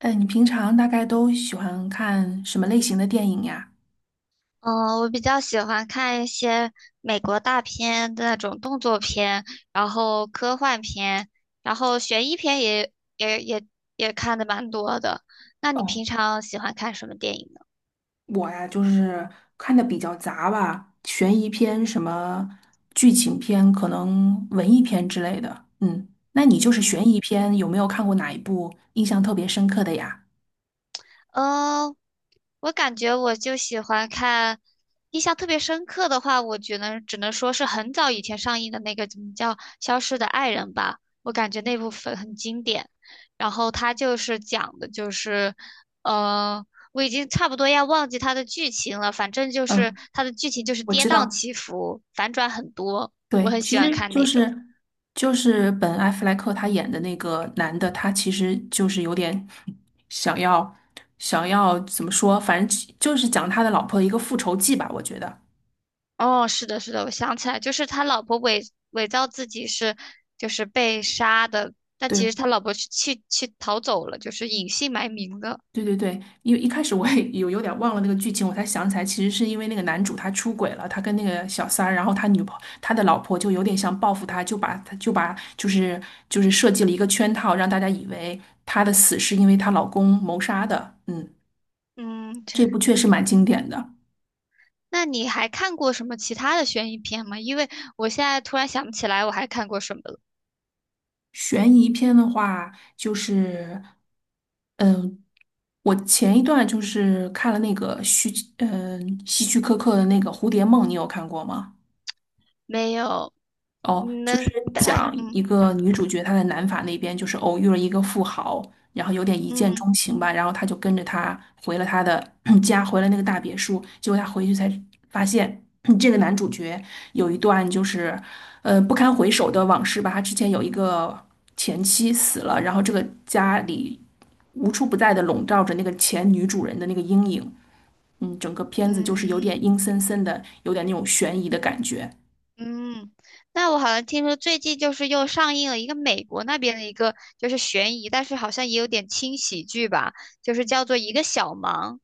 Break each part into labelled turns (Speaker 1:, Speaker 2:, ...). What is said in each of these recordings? Speaker 1: 哎，你平常大概都喜欢看什么类型的电影呀？
Speaker 2: 嗯，我比较喜欢看一些美国大片的那种动作片，然后科幻片，然后悬疑片也也也看的蛮多的。那你
Speaker 1: 哦，
Speaker 2: 平常喜欢看什么电影呢？
Speaker 1: 我呀，就是看的比较杂吧，悬疑片、什么剧情片，可能文艺片之类的。嗯，那你就是悬
Speaker 2: 嗯。
Speaker 1: 疑片，有没有看过哪一部印象特别深刻的呀？
Speaker 2: 嗯，我感觉我就喜欢看，印象特别深刻的话，我觉得只能说是很早以前上映的那个怎么叫《消失的爱人》吧，我感觉那部分很经典。然后它就是讲的就是，嗯，我已经差不多要忘记它的剧情了，反正就是
Speaker 1: 嗯，
Speaker 2: 它的剧情就是
Speaker 1: 我
Speaker 2: 跌
Speaker 1: 知
Speaker 2: 宕
Speaker 1: 道。
Speaker 2: 起伏，反转很多，我
Speaker 1: 对，
Speaker 2: 很喜
Speaker 1: 其
Speaker 2: 欢
Speaker 1: 实
Speaker 2: 看
Speaker 1: 就
Speaker 2: 那种。
Speaker 1: 是本·艾弗莱克他演的那个男的，他其实就是有点想要想要怎么说，反正其就是讲他的老婆的一个复仇记吧，我觉得。
Speaker 2: 哦，是的，是的，我想起来，就是他老婆伪造自己是就是被杀的，但其实
Speaker 1: 对
Speaker 2: 他老婆是去逃走了，就是隐姓埋名的。
Speaker 1: 对对对，因为一开始我也有点忘了那个剧情，我才想起来，其实是因为那个男主他出轨了，他跟那个小三儿，然后他女朋他的老婆就有点想报复他，就是设计了一个圈套，让大家以为他的死是因为她老公谋杀的，嗯。
Speaker 2: 嗯，
Speaker 1: 这
Speaker 2: 这
Speaker 1: 部确实蛮
Speaker 2: 对。
Speaker 1: 经典的。
Speaker 2: 那你还看过什么其他的悬疑片吗？因为我现在突然想不起来我还看过什么了。
Speaker 1: 悬疑片的话，就是，嗯，我前一段就是看了那个希区柯克的那个《蝴蝶梦》，你有看过吗？
Speaker 2: 没有，
Speaker 1: 哦，就
Speaker 2: 那
Speaker 1: 是
Speaker 2: 大
Speaker 1: 讲
Speaker 2: 嗯
Speaker 1: 一个女主角，她在南法那边就是偶遇了一个富豪，然后有点一见
Speaker 2: 嗯
Speaker 1: 钟情吧，然后她就跟着他回了他的 家，回了那个大别墅。结果他回去才发现，这个男主角有一段就是，不堪回首的往事吧。他之前有一个前妻死了，然后这个家里无处不在的笼罩着那个前女主人的那个阴影。嗯，整个片子就是有
Speaker 2: 嗯，
Speaker 1: 点阴森森的，有点那种悬疑的感觉。
Speaker 2: 嗯，那我好像听说最近就是又上映了一个美国那边的一个就是悬疑，但是好像也有点轻喜剧吧，就是叫做《一个小忙》，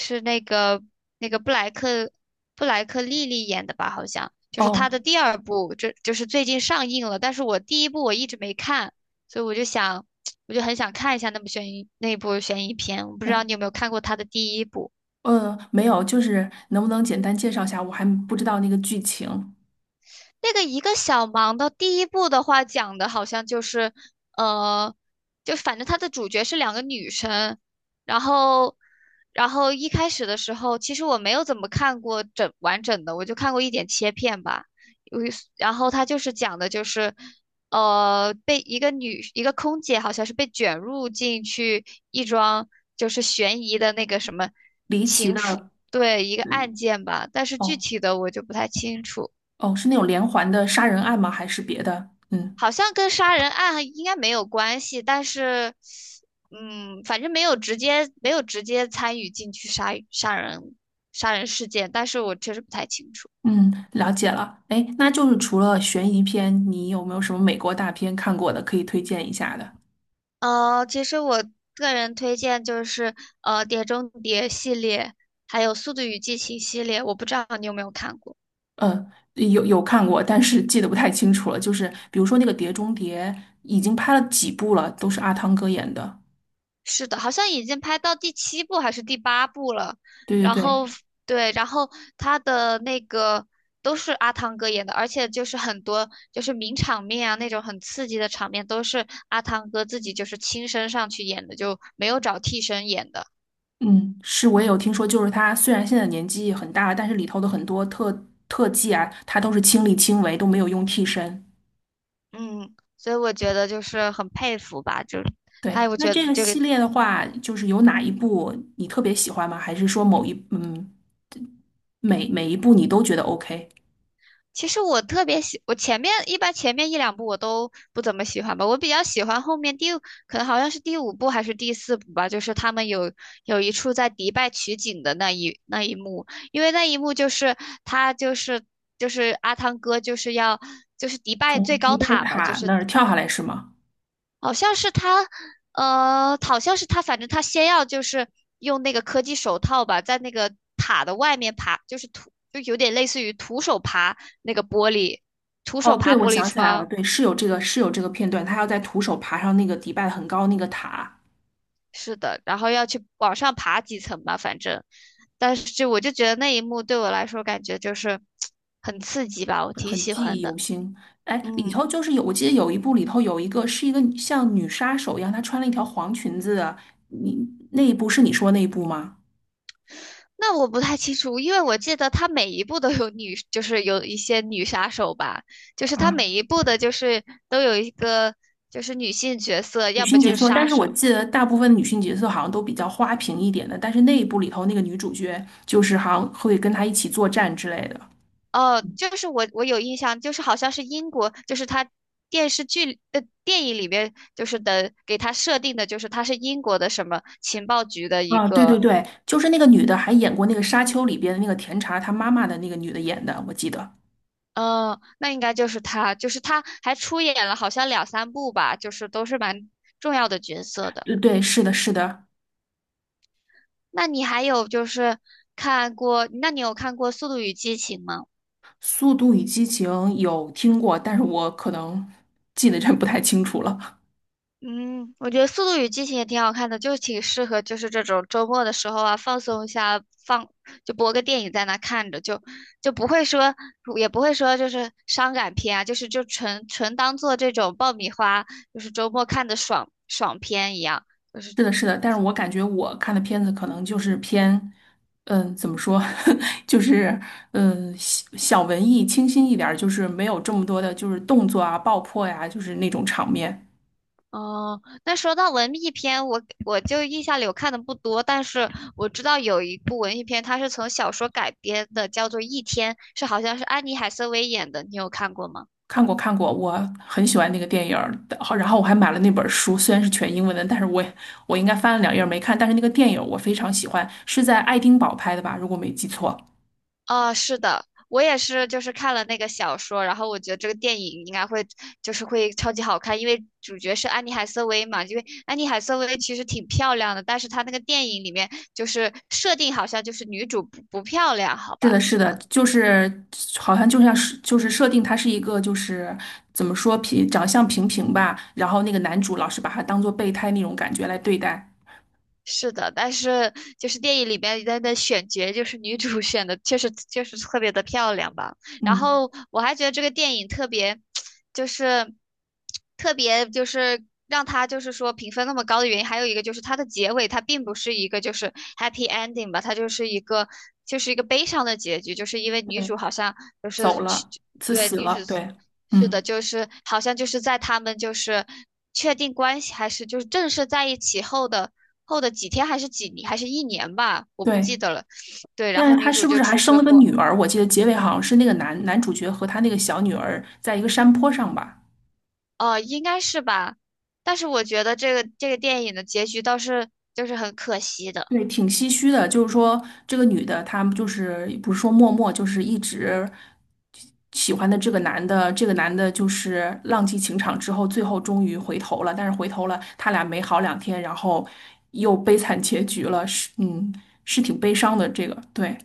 Speaker 2: 是那个布莱克莉莉演的吧？好像就是
Speaker 1: 哦。
Speaker 2: 她的第二部，这就是最近上映了，但是我第一部我一直没看，所以我就想 我就很想看一下那部悬疑片，我不知道你
Speaker 1: 嗯。
Speaker 2: 有没有看过她的第一部。
Speaker 1: 没有，就是能不能简单介绍一下？我还不知道那个剧情。
Speaker 2: 那个一个小忙的第一部的话，讲的好像就是，呃，就反正它的主角是两个女生，然后，一开始的时候，其实我没有怎么看过完整的，我就看过一点切片吧。有一然后它就是讲的就是，被一个空姐好像是被卷入进去一桩就是悬疑的那个什么
Speaker 1: 离奇
Speaker 2: 情妇，
Speaker 1: 的，
Speaker 2: 对，一个案
Speaker 1: 嗯，
Speaker 2: 件吧，但是具
Speaker 1: 哦
Speaker 2: 体的我就不太清楚。
Speaker 1: 哦，是那种连环的杀人案吗？还是别的？嗯
Speaker 2: 好像跟杀人案应该没有关系，但是，反正没有直接参与进去杀人事件，但是我确实不太清楚。
Speaker 1: 嗯，了解了。哎，那就是除了悬疑片，你有没有什么美国大片看过的可以推荐一下的？
Speaker 2: 其实我个人推荐就是《碟中谍》系列，还有《速度与激情》系列，我不知道你有没有看过。
Speaker 1: 嗯，有有看过，但是记得不太清楚了。就是比如说那个《碟中谍》，已经拍了几部了，都是阿汤哥演的。
Speaker 2: 是的，好像已经拍到第七部还是第八部了。
Speaker 1: 对
Speaker 2: 然
Speaker 1: 对对，
Speaker 2: 后对，然后他的那个都是阿汤哥演的，而且就是很多就是名场面啊，那种很刺激的场面都是阿汤哥自己就是亲身上去演的，就没有找替身演的。
Speaker 1: 嗯，是我也有听说，就是他虽然现在年纪很大了，但是里头的很多特技啊，他都是亲力亲为，都没有用替身。
Speaker 2: 嗯，所以我觉得就是很佩服吧，就
Speaker 1: 对，
Speaker 2: 他我
Speaker 1: 那
Speaker 2: 觉得
Speaker 1: 这个
Speaker 2: 这个
Speaker 1: 系列的
Speaker 2: 嗯。
Speaker 1: 话，就是有哪一部你特别喜欢吗？还是说某一嗯每每一部你都觉得 OK？
Speaker 2: 其实我特别喜，我前面一两部我都不怎么喜欢吧，我比较喜欢后面可能好像是第五部还是第四部吧，就是他们有一处在迪拜取景的那一幕，因为那一幕就是他就是阿汤哥就是要就是迪拜最
Speaker 1: 从迪
Speaker 2: 高
Speaker 1: 拜
Speaker 2: 塔嘛，就
Speaker 1: 塔
Speaker 2: 是
Speaker 1: 那儿跳下来是吗？
Speaker 2: 好像是他，呃，好像是他，反正他先要就是用那个科技手套吧，在那个塔的外面爬，就是就有点类似于徒手爬那个玻璃，徒
Speaker 1: 哦，
Speaker 2: 手
Speaker 1: 对，
Speaker 2: 爬
Speaker 1: 我
Speaker 2: 玻璃
Speaker 1: 想起来了，
Speaker 2: 窗，
Speaker 1: 对，是有这个片段，他要在徒手爬上那个迪拜很高那个塔。
Speaker 2: 是的，然后要去往上爬几层吧，反正，但是就我就觉得那一幕对我来说感觉就是 很刺激吧，我
Speaker 1: 很
Speaker 2: 挺
Speaker 1: 很
Speaker 2: 喜
Speaker 1: 记
Speaker 2: 欢
Speaker 1: 忆犹
Speaker 2: 的，
Speaker 1: 新。哎，里
Speaker 2: 嗯。
Speaker 1: 头就是有，我记得有一部里头有一个是一个像女杀手一样，她穿了一条黄裙子的，你那一部是你说那一部吗？
Speaker 2: 那我不太清楚，因为我记得他每一部都就是有一些女杀手吧，就是他
Speaker 1: 啊，
Speaker 2: 每一部的，就是都有一个就是女性角色，
Speaker 1: 女
Speaker 2: 要么
Speaker 1: 性
Speaker 2: 就
Speaker 1: 角
Speaker 2: 是
Speaker 1: 色，但
Speaker 2: 杀
Speaker 1: 是我
Speaker 2: 手。
Speaker 1: 记得大部分女性角色好像都比较花瓶一点的，但是那一部里头那个女主角就是好像会跟她一起作战之类的。
Speaker 2: 哦，就是我有印象，就是好像是英国，就是他电影里面就是的给他设定的，就是他是英国的什么情报局的一
Speaker 1: 啊，对对
Speaker 2: 个，
Speaker 1: 对，就是那个女的还演过那个《沙丘》里边的那个甜茶她妈妈的那个女的演的，我记得。
Speaker 2: 嗯、那应该就是他，就是他还出演了好像两三部吧，就是都是蛮重要的角色的。
Speaker 1: 对对，是的，是的。
Speaker 2: 那你还有就是那你有看过《速度与激情》吗？
Speaker 1: 《速度与激情》有听过，但是我可能记得真不太清楚了。
Speaker 2: 嗯，我觉得《速度与激情》也挺好看的，就挺适合就是这种周末的时候啊，放松一下，放就播个电影在那看着，就不会说也不会说就是伤感片啊，就是纯纯当做这种爆米花，就是周末看的爽爽片一样。就是。
Speaker 1: 是的，是的，但是我感觉我看的片子可能就是偏，怎么说，就是小小文艺、清新一点儿，就是没有这么多的，就是动作啊、爆破呀、就是那种场面。
Speaker 2: 哦，那说到文艺片，我就印象里我看的不多，但是我知道有一部文艺片，它是从小说改编的，叫做《一天》，是好像是安妮海瑟薇演的，你有看过吗？
Speaker 1: 看过，看过，我很喜欢那个电影儿，好然后我还买了那本书，虽然是全英文的，但是我应该翻了两页儿没看，但是那个电影儿我非常喜欢，是在爱丁堡拍的吧，如果没记错。
Speaker 2: 哦，是的，我也是，就是看了那个小说，然后我觉得这个电影应该会，就是会超级好看，因为主角是安妮海瑟薇嘛，因为安妮海瑟薇其实挺漂亮的，但是她那个电影里面就是设定好像就是女主不漂亮，好
Speaker 1: 是
Speaker 2: 吧，
Speaker 1: 的，是
Speaker 2: 是吧？
Speaker 1: 的，就是好像就像是就是设定他是一个就是怎么说长相平平吧，然后那个男主老是把他当做备胎那种感觉来对待。
Speaker 2: 是的，但是就是电影里边的选角，就是女主选的确实确实特别的漂亮吧。然
Speaker 1: 嗯，
Speaker 2: 后我还觉得这个电影特别，就是特别就是让它就是说评分那么高的原因，还有一个就是它的结尾它并不是一个就是 happy ending 吧，它就是一个悲伤的结局，就是因为女主
Speaker 1: 对，
Speaker 2: 好像就是
Speaker 1: 走
Speaker 2: 去
Speaker 1: 了，是
Speaker 2: 对
Speaker 1: 死
Speaker 2: 女主
Speaker 1: 了，对，
Speaker 2: 是的，
Speaker 1: 嗯，
Speaker 2: 就是好像就是在他们就是确定关系还是就是正式在一起后的。后的几天还是一年吧，我不记
Speaker 1: 对。
Speaker 2: 得了。对，然
Speaker 1: 但
Speaker 2: 后
Speaker 1: 是
Speaker 2: 女
Speaker 1: 他
Speaker 2: 主
Speaker 1: 是不
Speaker 2: 就
Speaker 1: 是还
Speaker 2: 出
Speaker 1: 生
Speaker 2: 车
Speaker 1: 了个
Speaker 2: 祸，
Speaker 1: 女儿？我记得结尾好像是那个男男主角和他那个小女儿在一个山坡上吧。
Speaker 2: 哦，应该是吧，但是我觉得这个电影的结局倒是就是很可惜的，
Speaker 1: 对，挺唏嘘的。就是说，这个女的，她就是不是说默默，就是一直喜欢的这个男的，这个男的就是浪迹情场之后，最后终于回头了。但是回头了，他俩没好两天，然后又悲惨结局了。是，嗯，是挺悲伤的。这个，对，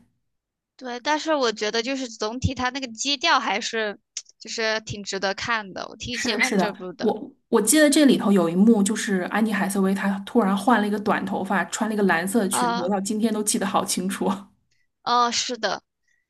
Speaker 2: 对，但是我觉得就是总体它那个基调还是 就是挺值得看的，我挺
Speaker 1: 是
Speaker 2: 喜
Speaker 1: 的，
Speaker 2: 欢
Speaker 1: 是的。
Speaker 2: 这部的
Speaker 1: 我记得这里头有一幕，就是安妮海瑟薇她突然换了一个短头发，穿了一个蓝色的裙子，
Speaker 2: 啊，
Speaker 1: 我到今天都记得好清楚。
Speaker 2: 哦，是的，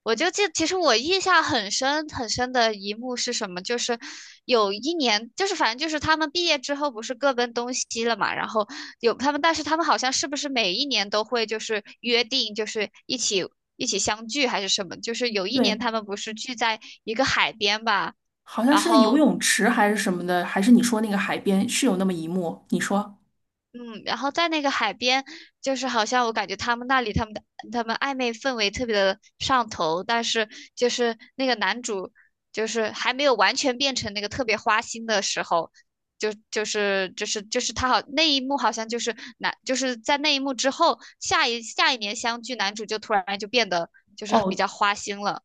Speaker 2: 我就记，其实我印象很深很深的一幕是什么？就是有一年，就是反正就是他们毕业之后不是各奔东西了嘛，然后有他们，但是他们好像是不是每一年都会就是约定，就是一起相聚还是什么？就是有 一年
Speaker 1: 对。
Speaker 2: 他们不是聚在一个海边吧，
Speaker 1: 好像
Speaker 2: 然
Speaker 1: 是在游
Speaker 2: 后。
Speaker 1: 泳池还是什么的，还是你说那个海边是有那么一幕？你说，
Speaker 2: 嗯，然后在那个海边，就是好像我感觉他们那里他们的他们暧昧氛围特别的上头，但是就是那个男主就是还没有完全变成那个特别花心的时候，就是那一幕好像就是男就是在那一幕之后，下一年相聚，男主就突然就变得就是比
Speaker 1: 哦，
Speaker 2: 较花心了。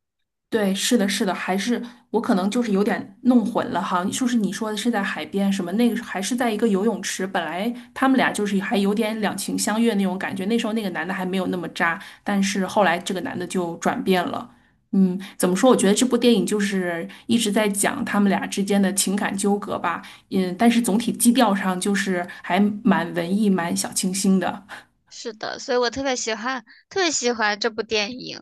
Speaker 1: 对，是的，是的，还是我可能就是有点弄混了哈。就是你说的是在海边什么那个，还是在一个游泳池？本来他们俩就是还有点两情相悦那种感觉，那时候那个男的还没有那么渣，但是后来这个男的就转变了。嗯，怎么说？我觉得这部电影就是一直在讲他们俩之间的情感纠葛吧。嗯，但是总体基调上就是还蛮文艺、蛮小清新的。
Speaker 2: 是的，所以我特别喜欢特别喜欢这部电影。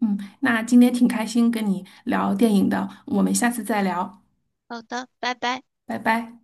Speaker 1: 嗯，那今天挺开心跟你聊电影的，我们下次再聊，
Speaker 2: 好的，拜拜。
Speaker 1: 拜拜。